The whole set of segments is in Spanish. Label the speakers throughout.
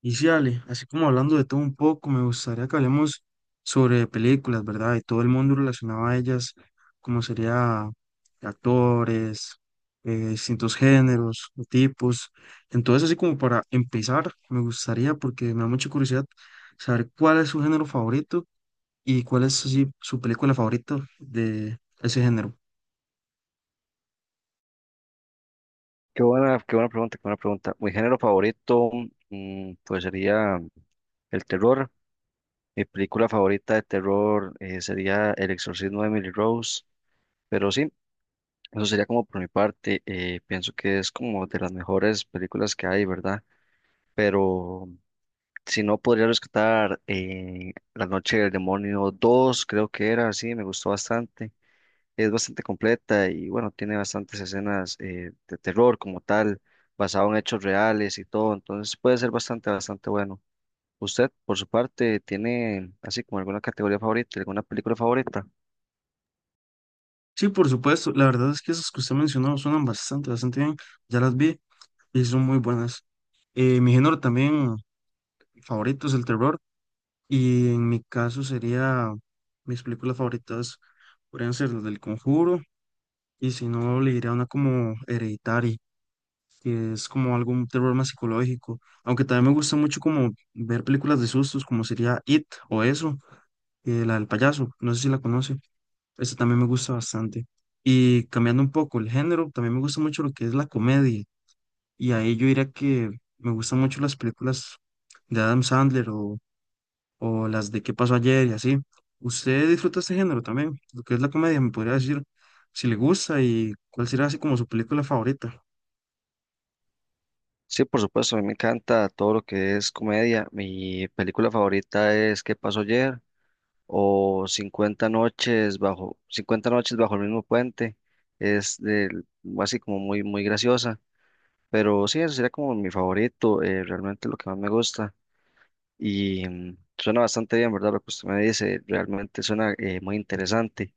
Speaker 1: Y sí, Ale, así como hablando de todo un poco, me gustaría que hablemos sobre películas, ¿verdad? Y todo el mundo relacionado a ellas, como sería actores, distintos géneros o tipos. Entonces, así como para empezar, me gustaría, porque me da mucha curiosidad, saber cuál es su género favorito y cuál es, así, su película favorita de ese género.
Speaker 2: Qué buena pregunta, qué buena pregunta. Mi género favorito, pues sería el terror. Mi película favorita de terror sería El Exorcismo de Emily Rose. Pero sí, eso sería como por mi parte. Pienso que es como de las mejores películas que hay, ¿verdad? Pero si no, podría rescatar La Noche del Demonio dos, creo que era, sí, me gustó bastante, es bastante completa y bueno, tiene bastantes escenas de terror como tal, basado en hechos reales y todo, entonces puede ser bastante, bastante bueno. ¿Usted, por su parte, tiene así como alguna categoría favorita, alguna película favorita?
Speaker 1: Sí, por supuesto, la verdad es que esas que usted mencionó suenan bastante, bastante bien, ya las vi y son muy buenas. Mi género también favoritos, el terror. Y en mi caso sería, mis películas favoritas podrían ser las del Conjuro, y si no, le diría una como Hereditary, que es como algún terror más psicológico. Aunque también me gusta mucho como ver películas de sustos, como sería It o eso, la del payaso, no sé si la conoce. Esta también me gusta bastante. Y cambiando un poco el género, también me gusta mucho lo que es la comedia. Y ahí yo diría que me gustan mucho las películas de Adam Sandler o las de qué pasó ayer y así. ¿Usted disfruta este género también? Lo que es la comedia, me podría decir si le gusta y cuál será, así como, su película favorita.
Speaker 2: Sí, por supuesto, a mí me encanta todo lo que es comedia. Mi película favorita es ¿Qué pasó ayer? O 50 noches bajo el mismo puente. Es del- Así como muy muy graciosa, pero sí, eso sería como mi favorito, realmente lo que más me gusta. Y suena bastante bien, ¿verdad? Lo que usted me dice realmente suena muy interesante.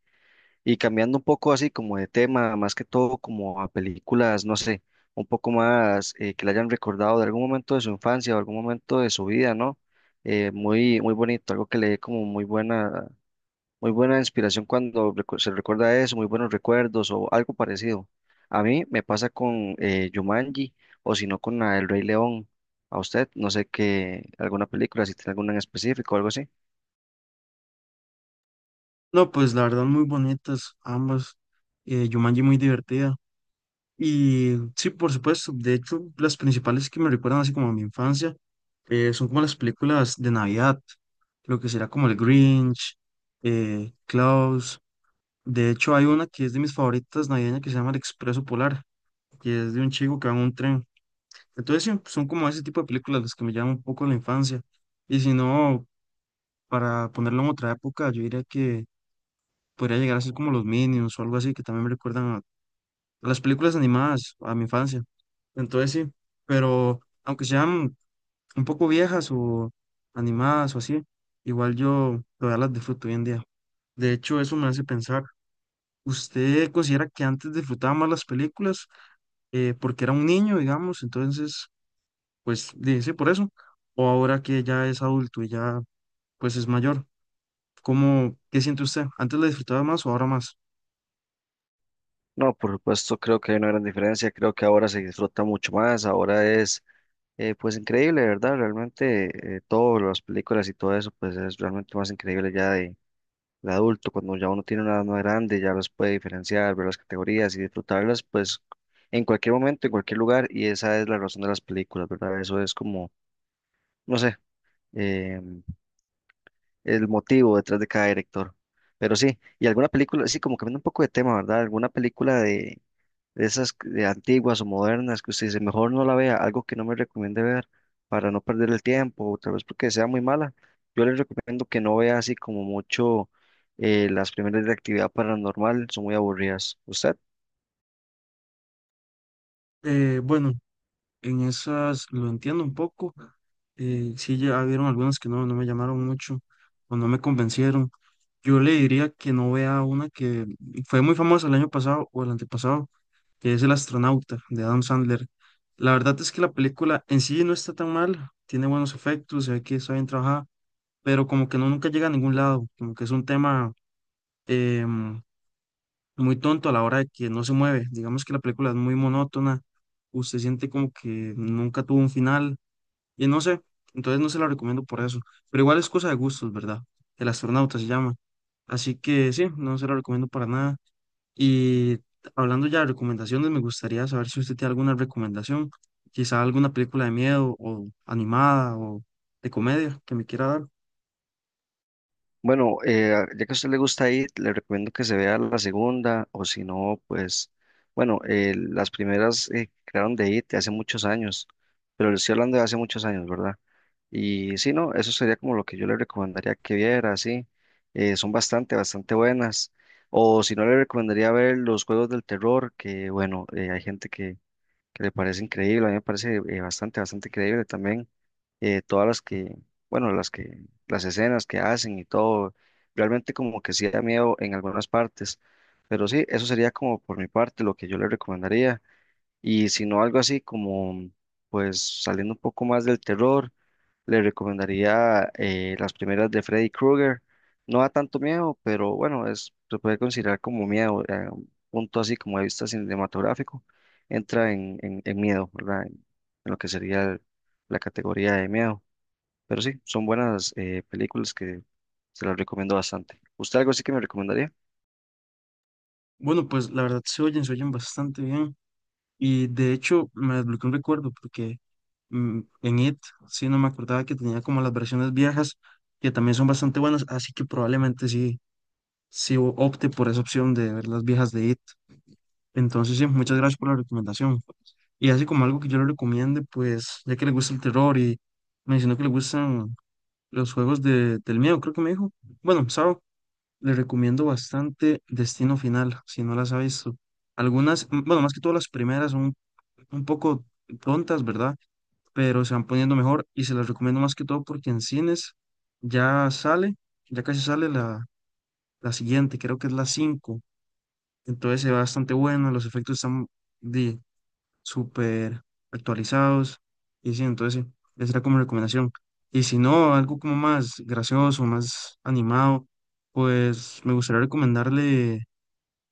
Speaker 2: Y cambiando un poco así como de tema, más que todo como a películas, no sé, un poco más que le hayan recordado de algún momento de su infancia o algún momento de su vida, ¿no? Muy, muy bonito, algo que le dé como muy buena inspiración cuando se recuerda eso, muy buenos recuerdos o algo parecido. A mí me pasa con Jumanji o si no con la El Rey León. A usted, no sé qué, alguna película, si tiene alguna en específico o algo así.
Speaker 1: No, pues la verdad muy bonitas ambas. Jumanji muy divertida. Y sí, por supuesto, de hecho las principales que me recuerdan así como a mi infancia son como las películas de Navidad, lo que será como el Grinch, Klaus. De hecho hay una que es de mis favoritas navideñas que se llama El Expreso Polar, que es de un chico que va en un tren. Entonces sí, son como ese tipo de películas las que me llaman un poco la infancia. Y si no, para ponerlo en otra época, yo diría que podría llegar a ser como los Minions o algo así, que también me recuerdan a las películas animadas, a mi infancia. Entonces sí, pero aunque sean un poco viejas o animadas o así, igual yo todavía las disfruto hoy en día. De hecho, eso me hace pensar, ¿usted considera que antes disfrutaba más las películas porque era un niño, digamos? Entonces sí, por eso. O ahora que ya es adulto y ya pues es mayor, ¿cómo, qué siente usted? ¿Antes la disfrutaba más o ahora más?
Speaker 2: No, por supuesto, creo que hay una gran diferencia. Creo que ahora se disfruta mucho más. Ahora es, pues, increíble, ¿verdad? Realmente, todas las películas y todo eso, pues, es realmente más increíble ya de adulto, cuando ya uno tiene una edad más grande, ya los puede diferenciar, ver las categorías y disfrutarlas, pues en cualquier momento, en cualquier lugar, y esa es la razón de las películas, ¿verdad? Eso es como, no sé, eh, el motivo detrás de cada director. Pero sí, y alguna película, sí, como cambiando un poco de tema, ¿verdad? Alguna película de, de antiguas o modernas que usted dice, mejor no la vea, algo que no me recomiende ver para no perder el tiempo, o tal vez porque sea muy mala. Yo les recomiendo que no vea así como mucho las primeras de actividad paranormal, son muy aburridas. ¿Usted?
Speaker 1: Bueno, en esas lo entiendo un poco. Sí, ya vieron algunas que no, no me llamaron mucho o no me convencieron. Yo le diría que no vea una que fue muy famosa el año pasado o el antepasado, que es El astronauta de Adam Sandler. La verdad es que la película en sí no está tan mal, tiene buenos efectos, se ve que está bien trabajada, pero como que nunca llega a ningún lado, como que es un tema em, muy tonto a la hora de que no se mueve. Digamos que la película es muy monótona, usted siente como que nunca tuvo un final, y no sé, entonces no se la recomiendo por eso. Pero igual es cosa de gustos, ¿verdad? El astronauta se llama. Así que sí, no se la recomiendo para nada. Y hablando ya de recomendaciones, me gustaría saber si usted tiene alguna recomendación, quizá alguna película de miedo o animada o de comedia que me quiera dar.
Speaker 2: Bueno, ya que a usted le gusta ir, le recomiendo que se vea la segunda, o si no, pues, bueno, las primeras que crearon de IT hace muchos años, pero le estoy hablando de hace muchos años, ¿verdad? Y sí, no, eso sería como lo que yo le recomendaría que viera, sí, son bastante, bastante buenas, o si no, le recomendaría ver los juegos del terror, que bueno, hay gente que le parece increíble, a mí me parece bastante, bastante creíble también todas las que, bueno, las que, las escenas que hacen y todo, realmente como que sí da miedo en algunas partes, pero sí, eso sería como por mi parte lo que yo le recomendaría, y si no algo así como, pues saliendo un poco más del terror, le recomendaría las primeras de Freddy Krueger. No da tanto miedo, pero bueno, es, se puede considerar como miedo, un punto así como de vista cinematográfico, entra en miedo, ¿verdad? En lo que sería la categoría de miedo. Pero sí, son buenas películas que se las recomiendo bastante. ¿Usted algo así que me recomendaría?
Speaker 1: Bueno, pues la verdad se oyen bastante bien. Y de hecho me desbloqueó un recuerdo porque en IT sí no me acordaba que tenía como las versiones viejas, que también son bastante buenas, así que probablemente sí opte por esa opción de ver las viejas de IT. Entonces sí, muchas gracias por la recomendación. Y así como algo que yo le recomiende, pues ya que le gusta el terror y mencionó que le gustan los juegos del miedo, creo que me dijo. Bueno, Sao, le recomiendo bastante Destino Final, si no las ha visto. Algunas, mm, bueno, más que todas las primeras son un poco tontas, ¿verdad? Pero se van poniendo mejor y se las recomiendo más que todo porque en cines ya sale, ya casi sale la siguiente, creo que es la cinco. Entonces se ve bastante bueno, los efectos están de, súper actualizados y sí, entonces sí, esa era como recomendación. Y si no, algo como más gracioso, más animado, pues me gustaría recomendarle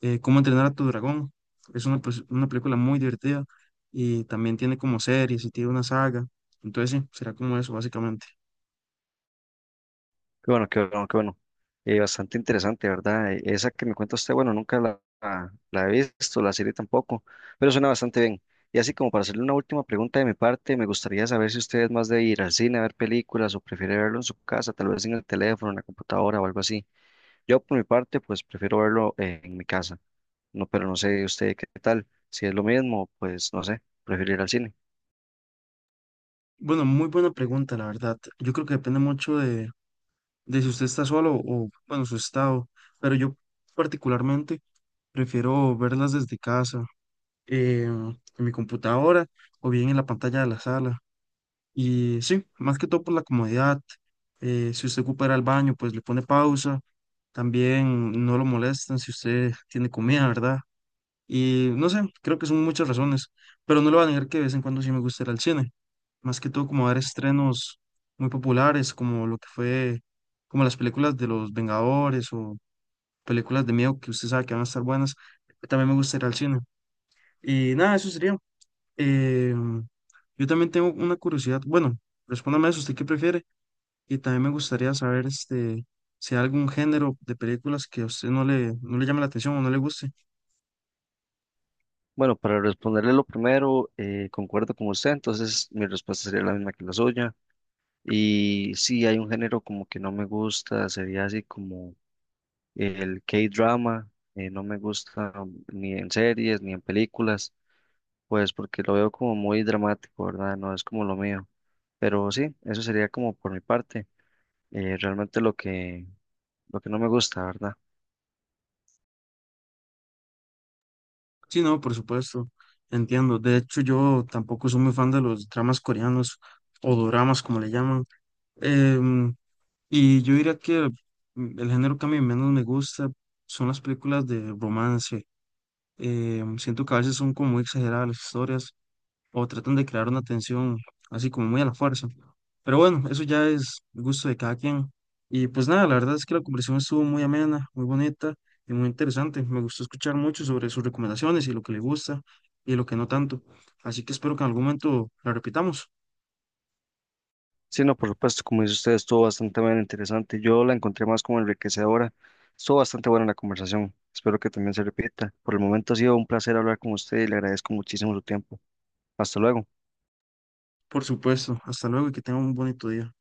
Speaker 1: Cómo entrenar a tu dragón. Es una, pues, una película muy divertida y también tiene como series y tiene una saga. Entonces, sí, será como eso, básicamente.
Speaker 2: Qué bueno, qué bueno, qué bueno. Bastante interesante, ¿verdad? Esa que me cuenta usted, bueno, nunca la he visto, la serie tampoco, pero suena bastante bien. Y así como para hacerle una última pregunta de mi parte, me gustaría saber si usted es más de ir al cine a ver películas o prefiere verlo en su casa, tal vez en el teléfono, en la computadora o algo así. Yo por mi parte, pues prefiero verlo en mi casa, no, pero no sé usted qué tal. Si es lo mismo, pues no sé, prefiero ir al cine.
Speaker 1: Bueno, muy buena pregunta, la verdad. Yo creo que depende mucho de si usted está solo o, bueno, su estado. Pero yo particularmente prefiero verlas desde casa, en mi computadora o bien en la pantalla de la sala. Y sí, más que todo por la comodidad. Si usted ocupa ir al baño, pues le pone pausa. También no lo molestan si usted tiene comida, ¿verdad? Y no sé, creo que son muchas razones, pero no le voy a negar que de vez en cuando sí me gusta ir al cine, más que todo como ver estrenos muy populares, como lo que fue, como las películas de los Vengadores o películas de miedo que usted sabe que van a estar buenas, también me gusta ir al cine. Y nada, eso sería. Em, yo también tengo una curiosidad, bueno, respóndame eso, ¿usted qué prefiere? Y también me gustaría saber este, si hay algún género de películas que a usted no le llame la atención o no le guste.
Speaker 2: Bueno, para responderle lo primero, concuerdo con usted, entonces mi respuesta sería la misma que la suya. Y sí, hay un género como que no me gusta, sería así como el K-drama, no me gusta ni en series ni en películas, pues porque lo veo como muy dramático, ¿verdad? No es como lo mío. Pero sí, eso sería como por mi parte, realmente lo que no me gusta, ¿verdad?
Speaker 1: Sí, no, por supuesto, entiendo. De hecho, yo tampoco soy muy fan de los dramas coreanos o doramas, como le llaman. Em, y yo diría que mm, el género que a mí menos me gusta son las películas de romance. Siento que a veces son como muy exageradas las historias o tratan de crear una tensión así como muy a la fuerza. Pero bueno, eso ya es gusto de cada quien. Y pues nada, la verdad es que la conversación estuvo muy amena, muy bonita y muy interesante. Me gustó escuchar mucho sobre sus recomendaciones y lo que le gusta y lo que no tanto. Así que espero que en algún momento la repitamos.
Speaker 2: Sí, no, por supuesto, como dice usted, estuvo bastante bien interesante. Yo la encontré más como enriquecedora. Estuvo bastante buena la conversación. Espero que también se repita. Por el momento ha sido un placer hablar con usted y le agradezco muchísimo su tiempo. Hasta luego.
Speaker 1: Por supuesto, hasta luego y que tengan un bonito día.